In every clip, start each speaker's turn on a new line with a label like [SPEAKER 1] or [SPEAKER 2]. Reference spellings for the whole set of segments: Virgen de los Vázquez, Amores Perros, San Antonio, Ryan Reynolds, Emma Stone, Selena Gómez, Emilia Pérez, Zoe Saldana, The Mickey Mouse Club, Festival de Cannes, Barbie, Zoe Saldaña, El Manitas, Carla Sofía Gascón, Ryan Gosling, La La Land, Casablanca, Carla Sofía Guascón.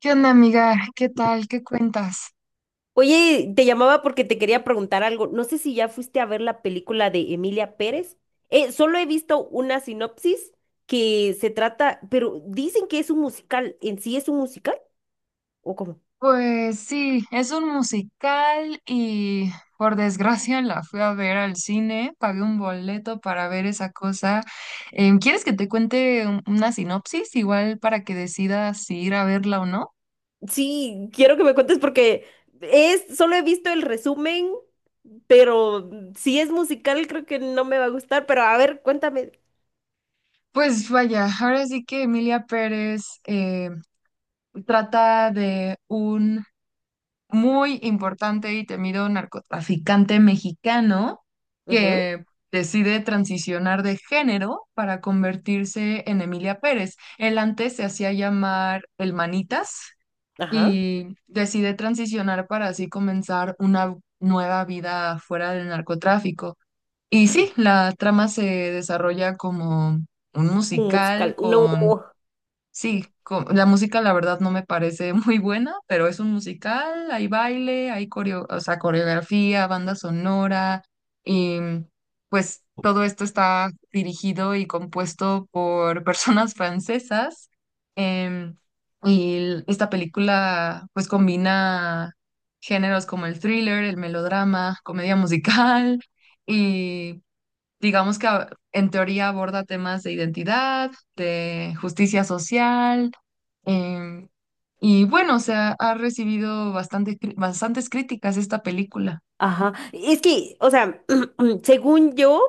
[SPEAKER 1] ¿Qué onda, amiga? ¿Qué tal? ¿Qué cuentas?
[SPEAKER 2] Oye, te llamaba porque te quería preguntar algo. No sé si ya fuiste a ver la película de Emilia Pérez. Solo he visto una sinopsis que se trata, pero dicen que es un musical. ¿En sí es un musical? ¿O cómo?
[SPEAKER 1] Pues sí, es un musical y por desgracia la fui a ver al cine, pagué un boleto para ver esa cosa. ¿Quieres que te cuente una sinopsis igual para que decidas si ir a verla o no?
[SPEAKER 2] Sí, quiero que me cuentes porque es, solo he visto el resumen, pero si es musical creo que no me va a gustar. Pero a ver, cuéntame.
[SPEAKER 1] Pues vaya, ahora sí que Emilia Pérez trata de un muy importante y temido narcotraficante mexicano
[SPEAKER 2] Ujú.
[SPEAKER 1] que decide transicionar de género para convertirse en Emilia Pérez. Él antes se hacía llamar El Manitas
[SPEAKER 2] Ajá.
[SPEAKER 1] y decide transicionar para así comenzar una nueva vida fuera del narcotráfico. Y sí, la trama se desarrolla como un
[SPEAKER 2] Un
[SPEAKER 1] musical
[SPEAKER 2] musical. No.
[SPEAKER 1] con... Sí, la música la verdad no me parece muy buena, pero es un musical, hay baile, hay o sea, coreografía, banda sonora, y pues todo esto está dirigido y compuesto por personas francesas. em, esta película pues combina géneros como el thriller, el melodrama, comedia musical. Digamos que en teoría aborda temas de identidad, de justicia social, em, y bueno, o sea, ha recibido bastante, bastantes críticas esta película.
[SPEAKER 2] Ajá. Es que, o sea, según yo.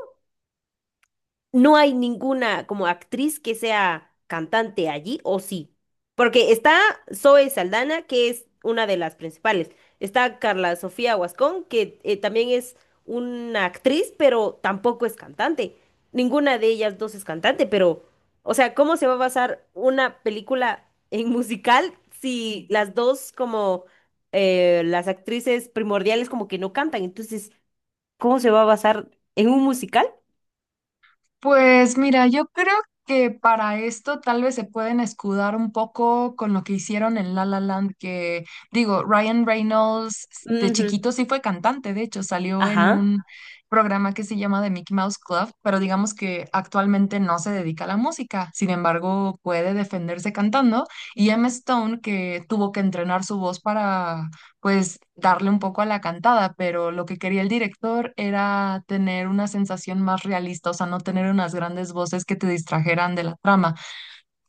[SPEAKER 2] No hay ninguna como actriz que sea cantante allí, o sí. Porque está Zoe Saldana, que es una de las principales. Está Carla Sofía Guascón, que también es una actriz, pero tampoco es cantante. Ninguna de ellas dos es cantante, pero, o sea, ¿cómo se va a basar una película en musical si las dos como las actrices primordiales como que no cantan? Entonces, ¿cómo se va a basar en un musical?
[SPEAKER 1] Pues mira, yo creo que para esto tal vez se pueden escudar un poco con lo que hicieron en La La Land, que digo, Ryan Reynolds de
[SPEAKER 2] Ujú.
[SPEAKER 1] chiquito sí fue cantante, de hecho salió en
[SPEAKER 2] Ajá.
[SPEAKER 1] un programa que se llama The Mickey Mouse Club, pero digamos que actualmente no se dedica a la música, sin embargo puede defenderse cantando, y Emma Stone, que tuvo que entrenar su voz para pues darle un poco a la cantada, pero lo que quería el director era tener una sensación más realista, o sea, no tener unas grandes voces que te distrajeran de la trama,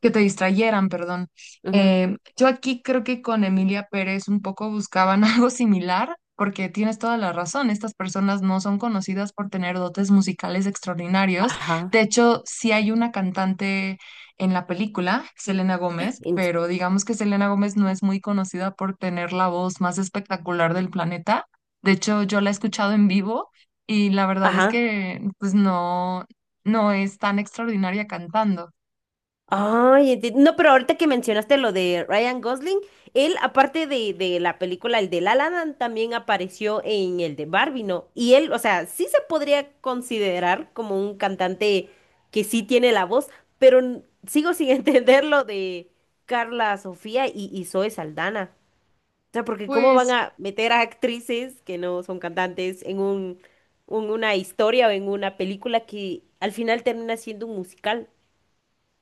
[SPEAKER 1] que te distrayeran, perdón.
[SPEAKER 2] Ujú.
[SPEAKER 1] Yo aquí creo que con Emilia Pérez un poco buscaban algo similar, porque tienes toda la razón, estas personas no son conocidas por tener dotes musicales extraordinarios.
[SPEAKER 2] Ajá.
[SPEAKER 1] De hecho, sí hay una cantante en la película, Selena Gómez,
[SPEAKER 2] en-
[SPEAKER 1] pero digamos que Selena Gómez no es muy conocida por tener la voz más espectacular del planeta. De hecho, yo la he escuchado en vivo y la verdad es
[SPEAKER 2] Ajá.
[SPEAKER 1] que pues no, no es tan extraordinaria cantando.
[SPEAKER 2] Ay, no, pero ahorita que mencionaste lo de Ryan Gosling, él, aparte de la película, el de La La Land, también apareció en el de Barbie, ¿no? Y él, o sea, sí se podría considerar como un cantante que sí tiene la voz, pero sigo sin entender lo de Carla Sofía y Zoe Saldana. O sea, porque cómo van
[SPEAKER 1] Pues
[SPEAKER 2] a meter a actrices que no son cantantes en un, una historia o en una película que al final termina siendo un musical.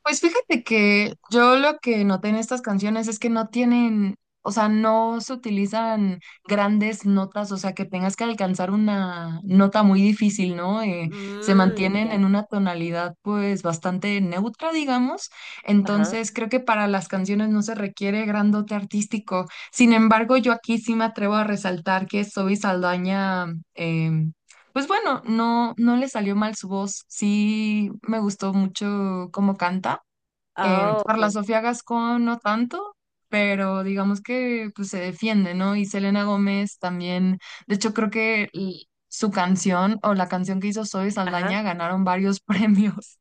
[SPEAKER 1] Pues fíjate que yo lo que noté en estas canciones es que no tienen, o sea, no se utilizan grandes notas, o sea, que tengas que alcanzar una nota muy difícil, ¿no? Se
[SPEAKER 2] Mmm,
[SPEAKER 1] mantienen
[SPEAKER 2] ya.
[SPEAKER 1] en una tonalidad pues bastante neutra, digamos.
[SPEAKER 2] Ajá.
[SPEAKER 1] Entonces, creo que para las canciones no se requiere gran dote artístico. Sin embargo, yo aquí sí me atrevo a resaltar que Zoe Saldaña... pues bueno, no, no le salió mal su voz, sí me gustó mucho cómo canta.
[SPEAKER 2] Ah,
[SPEAKER 1] Carla
[SPEAKER 2] ok.
[SPEAKER 1] Sofía Gascón no tanto, pero digamos que pues, se defiende, ¿no? Y Selena Gómez también, de hecho creo que su canción o la canción que hizo Zoe Saldaña
[SPEAKER 2] Ajá.
[SPEAKER 1] ganaron varios premios.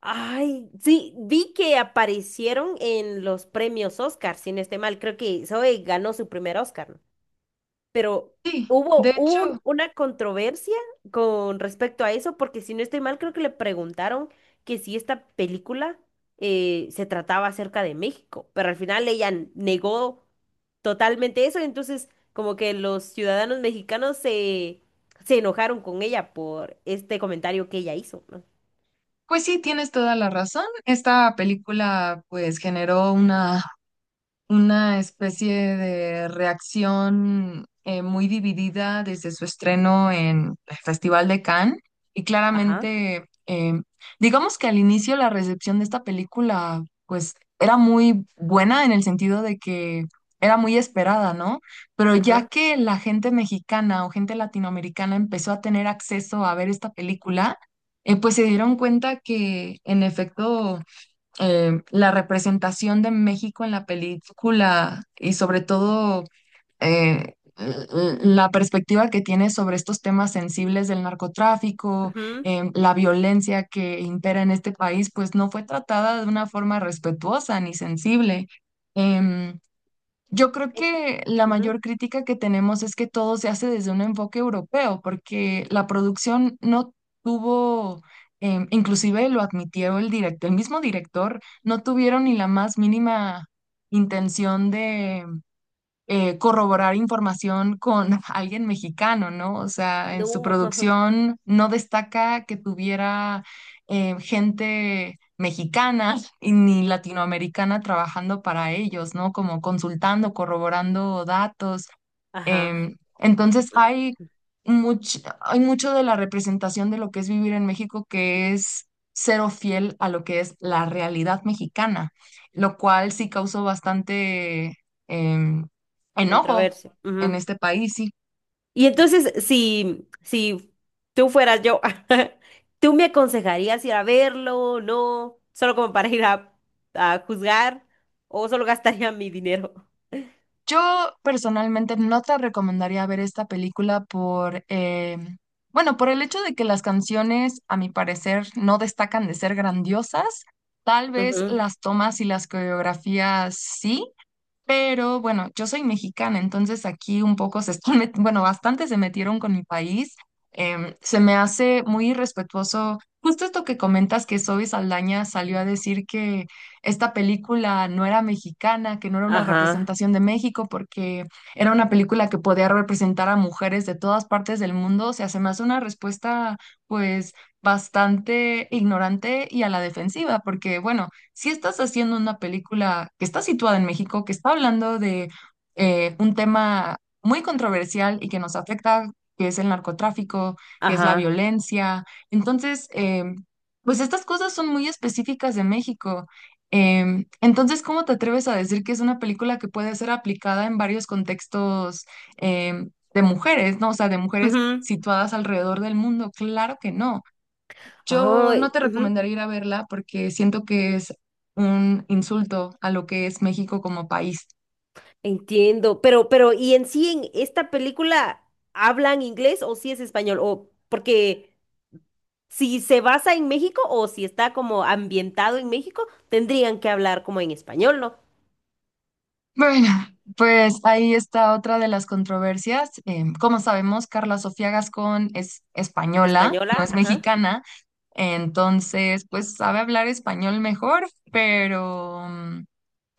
[SPEAKER 2] Ay, sí, vi que aparecieron en los premios Oscar, si no estoy mal. Creo que Zoe ganó su primer Oscar, ¿no? Pero
[SPEAKER 1] Sí, de
[SPEAKER 2] hubo un,
[SPEAKER 1] hecho,
[SPEAKER 2] una controversia con respecto a eso, porque si no estoy mal, creo que le preguntaron que si esta película se trataba acerca de México, pero al final ella negó totalmente eso, entonces como que los ciudadanos mexicanos se enojaron con ella por este comentario que ella hizo, ¿no?
[SPEAKER 1] pues sí, tienes toda la razón. Esta película pues generó una especie de reacción muy dividida desde su estreno en el Festival de Cannes. Y
[SPEAKER 2] Ajá.
[SPEAKER 1] claramente, digamos que al inicio la recepción de esta película, pues era muy buena en el sentido de que era muy esperada, ¿no? Pero ya
[SPEAKER 2] Ajá.
[SPEAKER 1] que la gente mexicana o gente latinoamericana empezó a tener acceso a ver esta película, pues se dieron cuenta que en efecto la representación de México en la película y sobre todo la perspectiva que tiene sobre estos temas sensibles del narcotráfico,
[SPEAKER 2] Ujú.
[SPEAKER 1] la violencia que impera en este país, pues no fue tratada de una forma respetuosa ni sensible. Em, yo creo
[SPEAKER 2] eh,
[SPEAKER 1] que la
[SPEAKER 2] Ujú.
[SPEAKER 1] mayor crítica que tenemos es que todo se hace desde un enfoque europeo, porque la producción no tuvo, inclusive lo admitió el director, el mismo director, no tuvieron ni la más mínima intención corroborar información con alguien mexicano, ¿no? O sea, en su
[SPEAKER 2] No.
[SPEAKER 1] producción no destaca que tuviera gente mexicana y ni latinoamericana trabajando para ellos, ¿no? Como consultando, corroborando datos.
[SPEAKER 2] Ajá.
[SPEAKER 1] Entonces hay, hay mucho de la representación de lo que es vivir en México que es cero fiel a lo que es la realidad mexicana, lo cual sí causó bastante em, enojo
[SPEAKER 2] controversia
[SPEAKER 1] en
[SPEAKER 2] controversia.
[SPEAKER 1] este país. Sí.
[SPEAKER 2] Y entonces, si tú fueras yo, ¿tú me aconsejarías ir a verlo? ¿No? ¿Solo como para ir a juzgar? ¿O solo gastaría mi dinero?
[SPEAKER 1] Yo personalmente no te recomendaría ver esta película por, bueno, por el hecho de que las canciones, a mi parecer, no destacan de ser grandiosas. Tal vez
[SPEAKER 2] Ujú.
[SPEAKER 1] las tomas y las coreografías sí. Pero bueno, yo soy mexicana, entonces aquí un poco se están, bueno, bastante se metieron con mi país. Se me hace muy irrespetuoso. Justo esto que comentas que Zoe Saldaña salió a decir que esta película no era mexicana, que no era una
[SPEAKER 2] Ajá,
[SPEAKER 1] representación de México, porque era una película que podía representar a mujeres de todas partes del mundo. O sea, se me hace una respuesta, pues, bastante ignorante y a la defensiva, porque bueno, si estás haciendo una película que está situada en México, que está hablando de un tema muy controversial y que nos afecta, que es el narcotráfico, que es la
[SPEAKER 2] ajá.
[SPEAKER 1] violencia, entonces, pues estas cosas son muy específicas de México. Entonces, ¿cómo te atreves a decir que es una película que puede ser aplicada en varios contextos de mujeres, ¿no? O sea, de mujeres
[SPEAKER 2] Ujú.
[SPEAKER 1] situadas alrededor del mundo. Claro que no. Yo no
[SPEAKER 2] Ay,
[SPEAKER 1] te
[SPEAKER 2] ujú.
[SPEAKER 1] recomendaría ir a verla porque siento que es un insulto a lo que es México como país.
[SPEAKER 2] Entiendo. Pero, ¿y en sí en esta película hablan inglés o sí es español? O porque si se basa en México o si está como ambientado en México, tendrían que hablar como en español, ¿no?
[SPEAKER 1] Bueno, pues ahí está otra de las controversias. Como sabemos, Carla Sofía Gascón es española, no
[SPEAKER 2] Española,
[SPEAKER 1] es
[SPEAKER 2] ajá.
[SPEAKER 1] mexicana, entonces pues sabe hablar español mejor, pero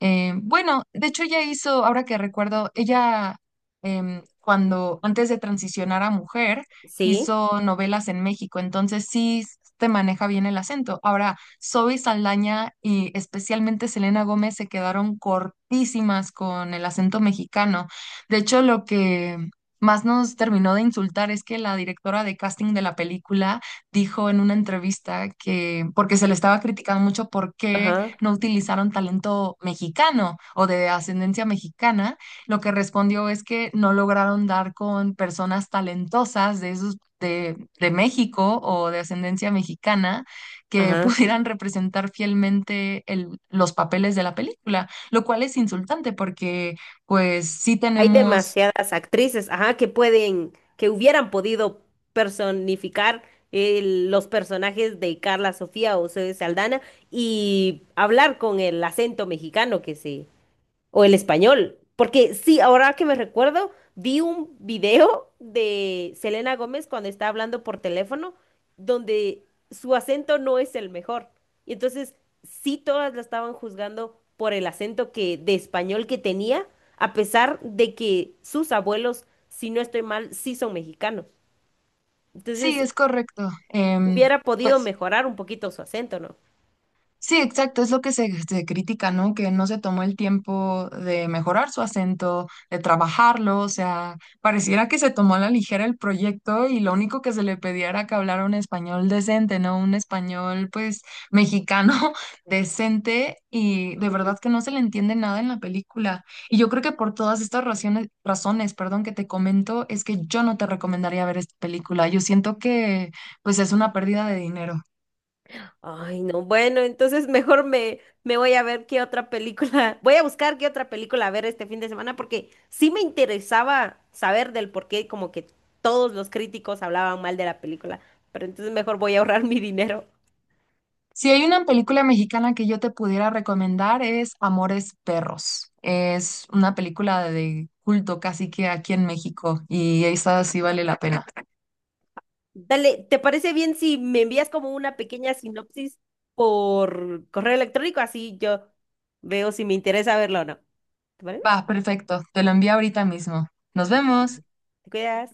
[SPEAKER 1] Bueno, de hecho ella hizo, ahora que recuerdo, ella cuando antes de transicionar a mujer
[SPEAKER 2] Sí,
[SPEAKER 1] hizo novelas en México, entonces sí te maneja bien el acento. Ahora, Zoe Saldaña y especialmente Selena Gómez se quedaron cortísimas con el acento mexicano. De hecho, lo que más nos terminó de insultar es que la directora de casting de la película dijo en una entrevista que, porque se le estaba criticando mucho porque
[SPEAKER 2] ajá,
[SPEAKER 1] no utilizaron talento mexicano o de ascendencia mexicana, lo que respondió es que no lograron dar con personas talentosas de esos de México o de ascendencia mexicana que
[SPEAKER 2] ajá.
[SPEAKER 1] pudieran representar fielmente los papeles de la película, lo cual es insultante porque pues sí
[SPEAKER 2] Hay
[SPEAKER 1] tenemos,
[SPEAKER 2] demasiadas actrices, ajá, que pueden, que hubieran podido personificar eh, los personajes de Carla Sofía o Zoe Saldana y hablar con el acento mexicano que se. O el español. Porque sí, ahora que me recuerdo, vi un video de Selena Gómez cuando está hablando por teléfono, donde su acento no es el mejor. Y entonces, sí, todas la estaban juzgando por el acento de español que tenía, a pesar de que sus abuelos, si no estoy mal, sí son mexicanos.
[SPEAKER 1] sí,
[SPEAKER 2] Entonces,
[SPEAKER 1] es correcto.
[SPEAKER 2] hubiera podido
[SPEAKER 1] Pues
[SPEAKER 2] mejorar un poquito su acento, ¿no?
[SPEAKER 1] sí, exacto, es lo que se critica, ¿no? Que no se tomó el tiempo de mejorar su acento, de trabajarlo, o sea, pareciera que se tomó a la ligera el proyecto y lo único que se le pedía era que hablara un español decente, ¿no? Un español, pues, mexicano decente y de verdad que no se le entiende nada en la película. Y yo creo que por todas estas razones, perdón, que te comento, es que yo no te recomendaría ver esta película. Yo siento que, pues, es una pérdida de dinero.
[SPEAKER 2] Ay, no, bueno, entonces mejor me voy a ver qué otra película, voy a buscar qué otra película ver este fin de semana porque sí me interesaba saber del por qué como que todos los críticos hablaban mal de la película, pero entonces mejor voy a ahorrar mi dinero.
[SPEAKER 1] Si hay una película mexicana que yo te pudiera recomendar es Amores Perros. Es una película de culto casi que aquí en México y esa sí vale la pena.
[SPEAKER 2] Dale, ¿te parece bien si me envías como una pequeña sinopsis por correo electrónico? Así yo veo si me interesa verlo o no. ¿Te parece?
[SPEAKER 1] Va, perfecto. Te lo envío ahorita mismo. Nos
[SPEAKER 2] Va,
[SPEAKER 1] vemos.
[SPEAKER 2] te cuidas.